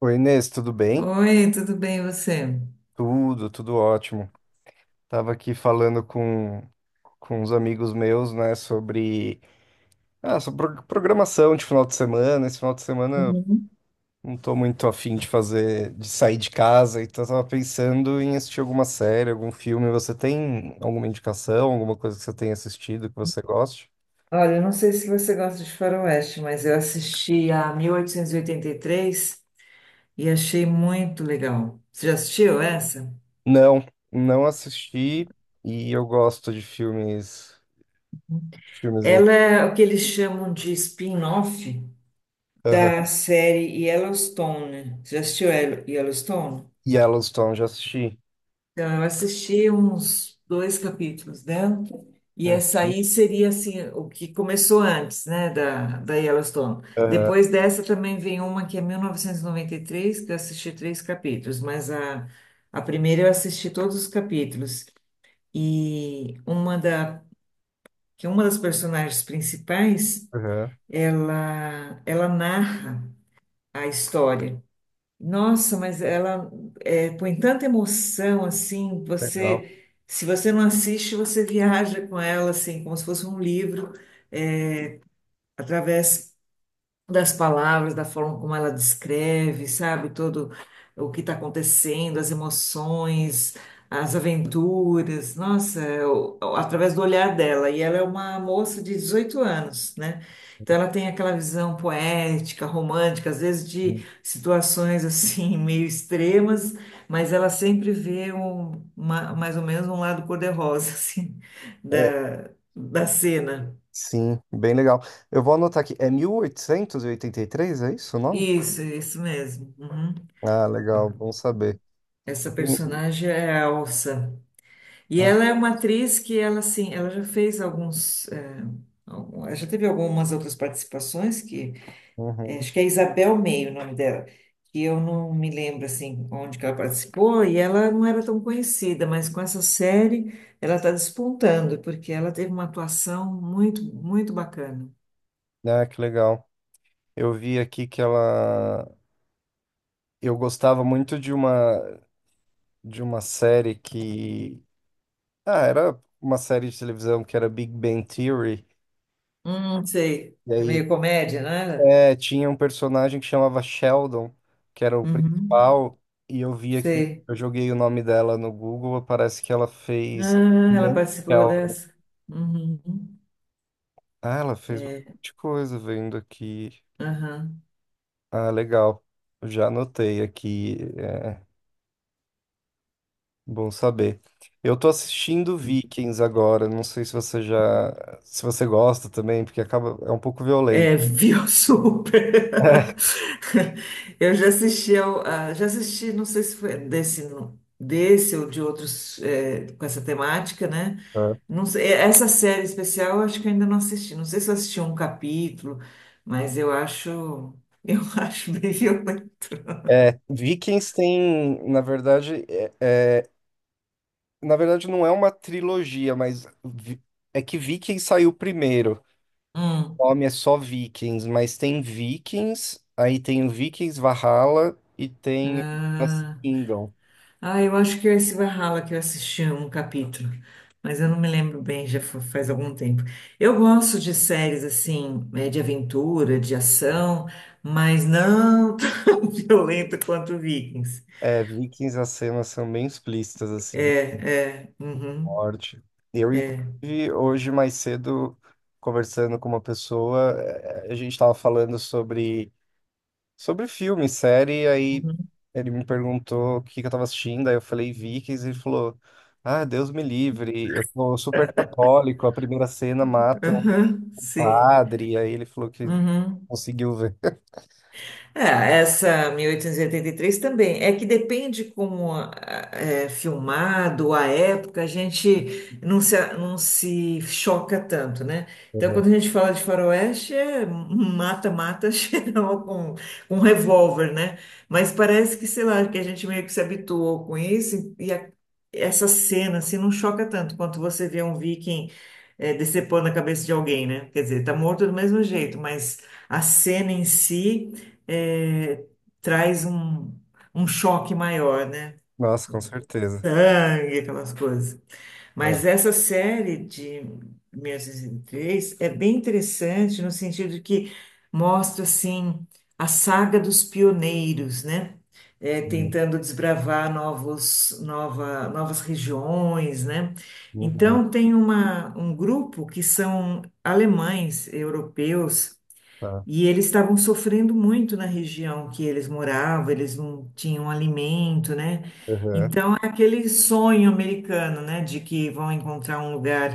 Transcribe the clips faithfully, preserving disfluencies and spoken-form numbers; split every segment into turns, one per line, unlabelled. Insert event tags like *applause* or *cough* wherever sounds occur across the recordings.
Oi, Inês, tudo bem?
Oi, tudo bem e você?
Tudo, tudo ótimo. Tava aqui falando com, com uns amigos meus, né, sobre, ah, sobre pro- programação de final de semana. Esse final de semana eu
Uhum.
não tô muito afim de fazer, de sair de casa, então eu tava pensando em assistir alguma série, algum filme. Você tem alguma indicação, alguma coisa que você tenha assistido que você goste?
Olha, eu não sei se você gosta de Faroeste, mas eu assisti a mil oitocentos e oitenta e três e oitenta e três e achei muito legal. Você já assistiu essa?
Não, não assisti e eu gosto de filmes, de filmes, em.
Ela é o que eles chamam de spin-off da
Aham.
série Yellowstone. Você já assistiu Yellow- Yellowstone?
Yellowstone, já assisti.
Então, eu assisti uns dois capítulos, né? E essa
Uhum.
aí seria, assim, o que começou antes, né, da, da Yellowstone.
Aham,
Depois dessa também vem uma que é mil novecentos e noventa e três, que eu assisti três capítulos, mas a, a primeira eu assisti todos os capítulos. E uma da, que uma das personagens principais,
aham.
ela, ela narra a história. Nossa, mas ela é, põe tanta emoção assim,
Legal.
você, se você não assiste, você *laughs* viaja com ela assim, como se fosse um livro, é, através das palavras, da forma como ela descreve, sabe, todo o que está acontecendo, as emoções, as aventuras, nossa, eu- através do olhar dela. E ela é uma moça de dezoito anos, né? Então ela tem aquela visão poética, romântica, às vezes de situações assim *laughs* meio extremas, mas ela sempre vê um, uma- mais ou menos um lado cor-de-rosa *laughs* assim
É,
da, da cena.
sim, bem legal. Eu vou anotar aqui. É mil oitocentos e e oitenta e três, é isso o nome?
Isso, isso mesmo. Uhum.
Ah, legal, bom saber.
Essa
Eu tenho-
personagem é a Elsa. E
Ah,
ela é uma atriz que ela assim, ela já fez alguns, eh, algum- ela já teve algumas outras participações que eh,
uhum.
acho que é Isabel Meio o nome dela, que eu não me lembro assim onde que ela participou e ela não era tão conhecida, mas com essa série ela está despontando porque ela teve uma atuação muito muito bacana.
Ah, que legal. Eu vi aqui que ela. Eu gostava muito de uma de uma série que. Ah, era uma série de televisão que era Big Bang Theory.
Hum, sei. É meio comédia, não era?
É, tinha um personagem que chamava Sheldon, que era o
Uhum,
principal, e eu vi aqui,
sei.
eu joguei o nome dela no Google, parece que ela fez.
Ah, ela participou
Sheldon.
dessa. Uhum.
Ah, ela fez
É.
bastante coisa vendo aqui.
Aham.
Ah, legal. Já anotei aqui, é bom saber. Eu tô assistindo Vikings agora, não sei se você já, se você gosta também, porque acaba, é um pouco violento.
É, viu *laughs* super. Eu já assisti ao, a- já assisti, não sei se foi desse, não- desse ou de outros é, com essa temática, né?
*laughs*
Não sei, eh, essa série especial eu acho que eu ainda não assisti. Não sei se eu assisti um capítulo, mas eu acho, eu *laughs* acho bem violento.
É, Vikings tem, na verdade, é. é na verdade, não é uma trilogia, mas vi- é que Vikings saiu primeiro.
Hum.
O nome é só Vikings, mas tem Vikings, aí tem o Vikings Valhalla e tem o Last
Ah.
Kingdom.
Ah, eu acho que é esse Valhalla que eu assisti um capítulo, mas eu não me lembro bem, já fa- faz algum tempo. Eu gosto de séries assim, eh, de aventura, de ação, mas não *laughs* tão violento quanto Vikings.
É, Vikings, as cenas são bem explícitas, assim,
É, é, uhum,
forte. Eu,
é,
inclusive, hoje mais cedo, conversando com uma pessoa, eh, a gente estava falando sobre. Sobre filme, série, aí
uhum,
ele me perguntou o que que eu tava assistindo, aí eu falei Vikings e ele falou: Ah, Deus me livre, eu sou super católico, a primeira cena mata um
aham, sim.
padre. Aí ele falou que
Uhum.
conseguiu ver. *laughs*
É, essa mil oitocentos e e oitenta e três também. É que depende como ah, é filmado, a época, a gente não se, não se choca tanto, né? Então,
Uhum.
quando a gente fala de faroeste, é mata-mata *laughs* geral com, com um revólver, né? Mas parece que, sei lá, que a gente meio que se habituou com isso e a- essa cena, assim, não choca tanto quanto você vê um viking eh, decepando a cabeça de alguém, né? Quer dizer, tá morto do mesmo jeito, mas a cena em si é, traz um, um choque maior, né?
Nossa, com certeza.
Sangue, aquelas coisas.
É,
Mas essa série de mil novecentos e três é bem interessante no sentido de que mostra, assim, a saga dos pioneiros, né? É,
sim.
tentando desbravar novos, nova, novas regiões, né?
Uhum,
Então, tem uma, um grupo que são alemães, europeus,
tá.
e eles estavam sofrendo muito na região que eles moravam, eles não tinham alimento, né?
Uhum,
Então, é aquele sonho americano, né, de que vão encontrar um lugar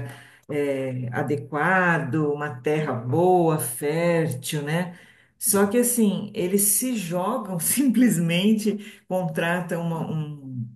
eh, adequado, uma terra boa, fértil, né? Só
sim.
que, assim, eles se jogam *laughs* simplesmente, contratam uma, um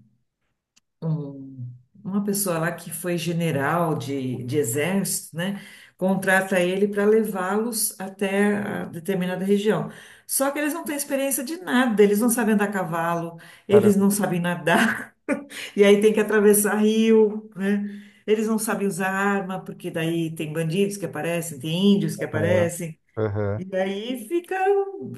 um- uma pessoa lá que foi general de, de exército, né? Contrata ele para levá-los até a determinada região. Só que eles não têm experiência de nada, eles não sabem andar a cavalo, eles
Caramba,
não sabem nadar, *laughs* e aí tem que atravessar rio, né? Eles não sabem usar arma, porque daí tem bandidos que aparecem, tem índios que
uhum,
aparecem.
uhum.
E daí fica,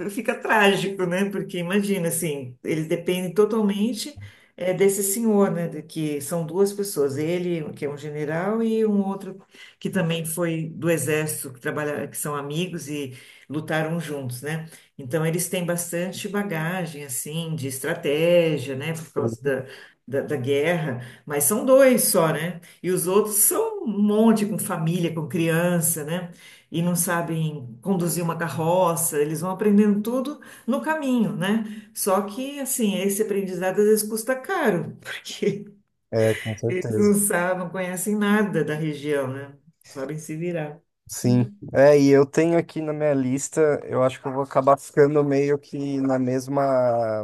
fica trágico, né? Porque imagina, assim, eles dependem totalmente eh, desse senhor, né? De que são duas pessoas, ele, que é um general, e um outro que também foi do exército, que trabalha, que são amigos e lutaram juntos, né? Então eles têm bastante bagagem, assim, de estratégia, né? Por causa
Uhum.
da, da, da guerra, mas são dois só, né? E os outros são um monte, com família, com criança, né? E não sabem conduzir uma carroça, eles vão aprendendo tudo no caminho, né? Só que, assim, esse aprendizado às vezes custa caro, *laughs* porque
É, com
eles não
certeza.
sabem, não conhecem nada da região, né? Não sabem se virar.
Sim. É, e eu tenho aqui na minha lista, eu acho que eu vou acabar ficando meio que na mesma,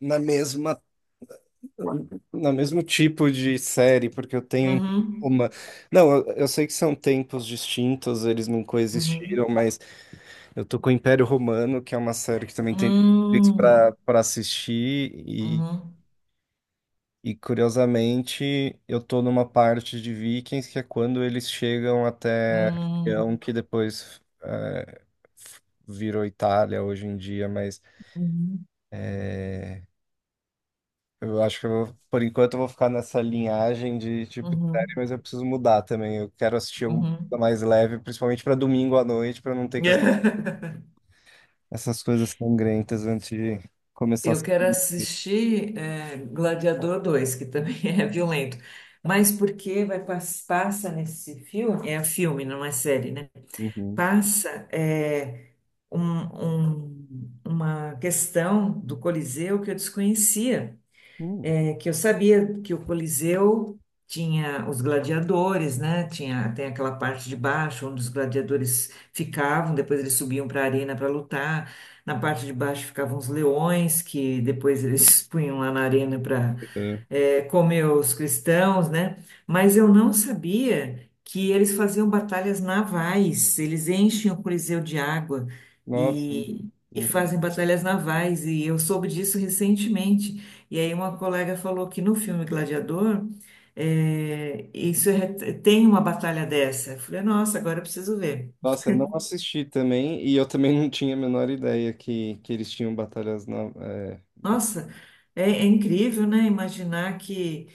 na mesma No mesmo tipo de série, porque eu tenho
Uhum,
uma. Não, eu, eu sei que são tempos distintos, eles não coexistiram,
uhum,
mas eu tô com o Império Romano, que é uma série que também tem Netflix pra,
uhum,
pra assistir, e,
uhum,
e curiosamente eu tô numa parte de Vikings que é quando eles chegam até a
uhum,
região que depois eh, virou Itália hoje em dia, mas.
uhum,
Eu acho que eu vou- por enquanto eu vou ficar nessa linhagem de tipo de série, mas eu preciso mudar também. Eu quero assistir
uhum,
alguma coisa
uhum.
mais leve, principalmente para domingo à noite, para não ter que ass-
*laughs*
essas coisas sangrentas antes de começar a
Eu
assistir.
quero assistir eh, Gladiador dois, que também *laughs* é violento. Mas porque vai pas- passa nesse filme? É filme, não é série, né?
Uhum.
Passa eh, um- um- uma questão do Coliseu que eu desconhecia.
Hum.
É que eu sabia que o Coliseu tinha os gladiadores, né? Tinha, tem aquela parte de baixo onde os gladiadores ficavam, depois eles subiam para a arena para lutar. Na parte de baixo ficavam os leões, que depois eles *laughs* punham lá na arena
É.
é, comeu os cristãos, né? Mas eu não sabia que eles faziam batalhas navais, eles enchem o Coliseu de água
Nossa.
e, e
Hum.
fazem batalhas navais, e eu soube disso recentemente. E aí uma colega falou que no filme Gladiador, é, isso é- tem uma batalha dessa. Eu falei, nossa, agora eu preciso ver.
Nossa, eu não assisti também, e eu também não tinha a menor ideia que, que, eles tinham batalhas na, é,
Nossa, é, é incrível, né? Imaginar que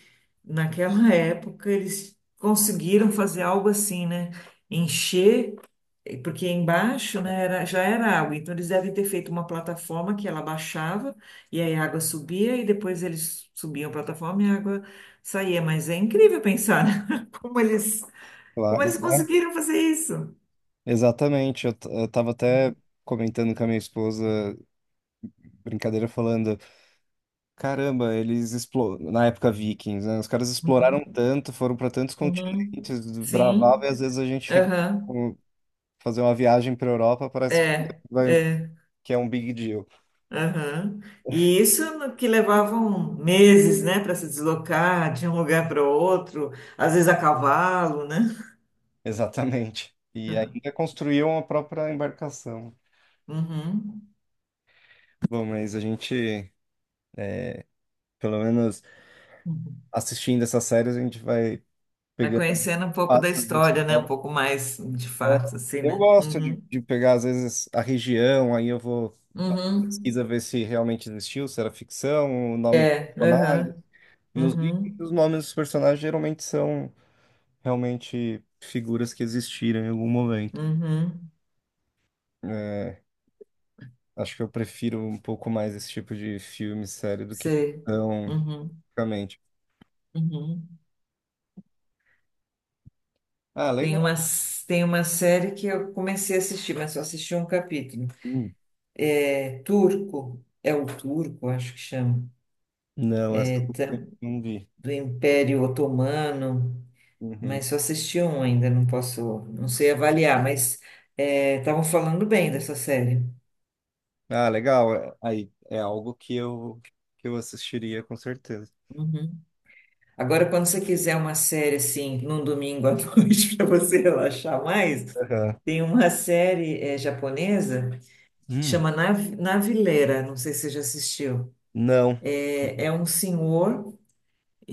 naquela *laughs* época eles conseguiram fazer algo assim, né? Encher, eh, porque embaixo, né, era, já era água, então eles devem ter feito uma plataforma que ela baixava e aí a água subia e depois eles subiam a plataforma e a água saía. Mas é incrível pensar, né? *laughs* Como eles,
lá,
como
né?
eles conseguiram fazer isso.
Exatamente, eu, t- eu tava até comentando com a minha esposa, brincadeira, falando. Caramba, eles explo, na época Vikings, né? Os caras
Uhum,
exploraram tanto, foram para tantos
uhum.
continentes, bravava, e
Sim,
às vezes a gente fica
aham,
com- fazer uma viagem para Europa, parece que
é,
vai,
é.
que é um big deal. *laughs*
Aham. E isso no- que levavam meses, né, para se deslocar de um lugar para o outro, às vezes a cavalo, né?
Exatamente. E ainda construíam a própria embarcação.
Uhum.
Bom, mas a gente, é, pelo menos
Uhum.
assistindo essas séries, a gente vai
Vai
pegando
conhecendo um pouco da
fatos.
história, né? Um pouco mais de
É,
fato, assim,
eu
né?
gosto de,
Uhum.
de pegar, às vezes, a região, aí eu vou fazer uma
Uhum.
pesquisa, ver se realmente existiu, se era ficção, o nome de
É,
personagem.
aham.
Nos livros,
Uhum.
os nomes dos personagens geralmente são realmente figuras que existiram em algum momento.
Uhum.
É, acho que eu prefiro um pouco mais esse tipo de filme, série, do que
Sei.
ficção,
Uhum.
realmente.
Uhum.
Ah,
Tem
legal.
uma, s- tem uma série que eu comecei a assistir, mas só assisti um capítulo.
Hum.
É turco, é o turco, acho que chama.
Não, essa eu não vi.
Do Império Otomano,
Uhum.
mas só assisti um ainda, não posso, não sei avaliar, mas é, estavam falando bem dessa série.
Ah, legal. É- Aí, é algo que eu, que eu assistiria com certeza.
Uhum. Agora, quando você quiser uma série assim, num domingo à *laughs* noite, para você relaxar mais,
Aham.
tem uma série eh, japonesa,
Hum.
chama Nav Navileira, não sei se você já assistiu.
Não.
É, é um senhor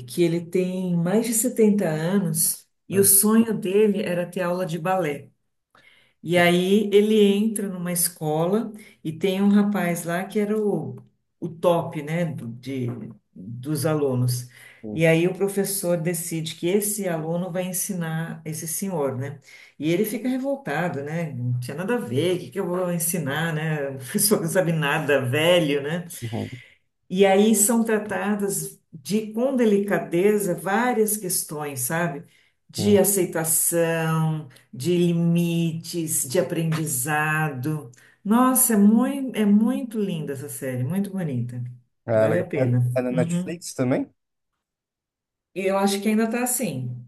que ele tem mais de setenta anos e o
É.
sonho dele era ter aula de balé. E aí ele entra numa escola e tem um rapaz lá que era o, o top, né, do- de, dos alunos.
Hum,
E aí o professor decide que esse aluno vai ensinar esse senhor, né? E ele fica revoltado, né? Não tinha nada a ver, o que que eu vou ensinar, né? *laughs* O professor não sabe nada, velho, né?
uhum,
E aí são tratadas de, com delicadeza várias questões, sabe? De
sim.
aceitação, de limites, de aprendizado. Nossa, é muito, é muito linda essa série, muito bonita.
Ah,
Vale
legal.
a pena.
Tá na
Uhum.
Netflix também?
E eu acho que ainda tá assim.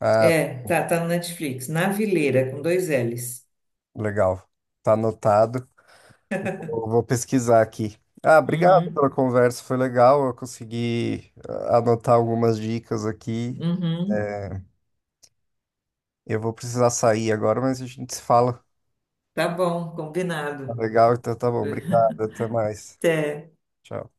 Ah,
É, tá, tá no Netflix. Na Vileira, com dois L's.
legal. Tá anotado. Vou vou pesquisar aqui. Ah, obrigado
Uhum,
pela conversa, foi legal. Eu consegui ah, anotar algumas dicas aqui.
uhum.
Eu vou precisar sair agora, mas a gente se fala.
Tá bom,
Tá
combinado.
legal, então tá bom. Obrigado, até mais.
Até.
Tchau.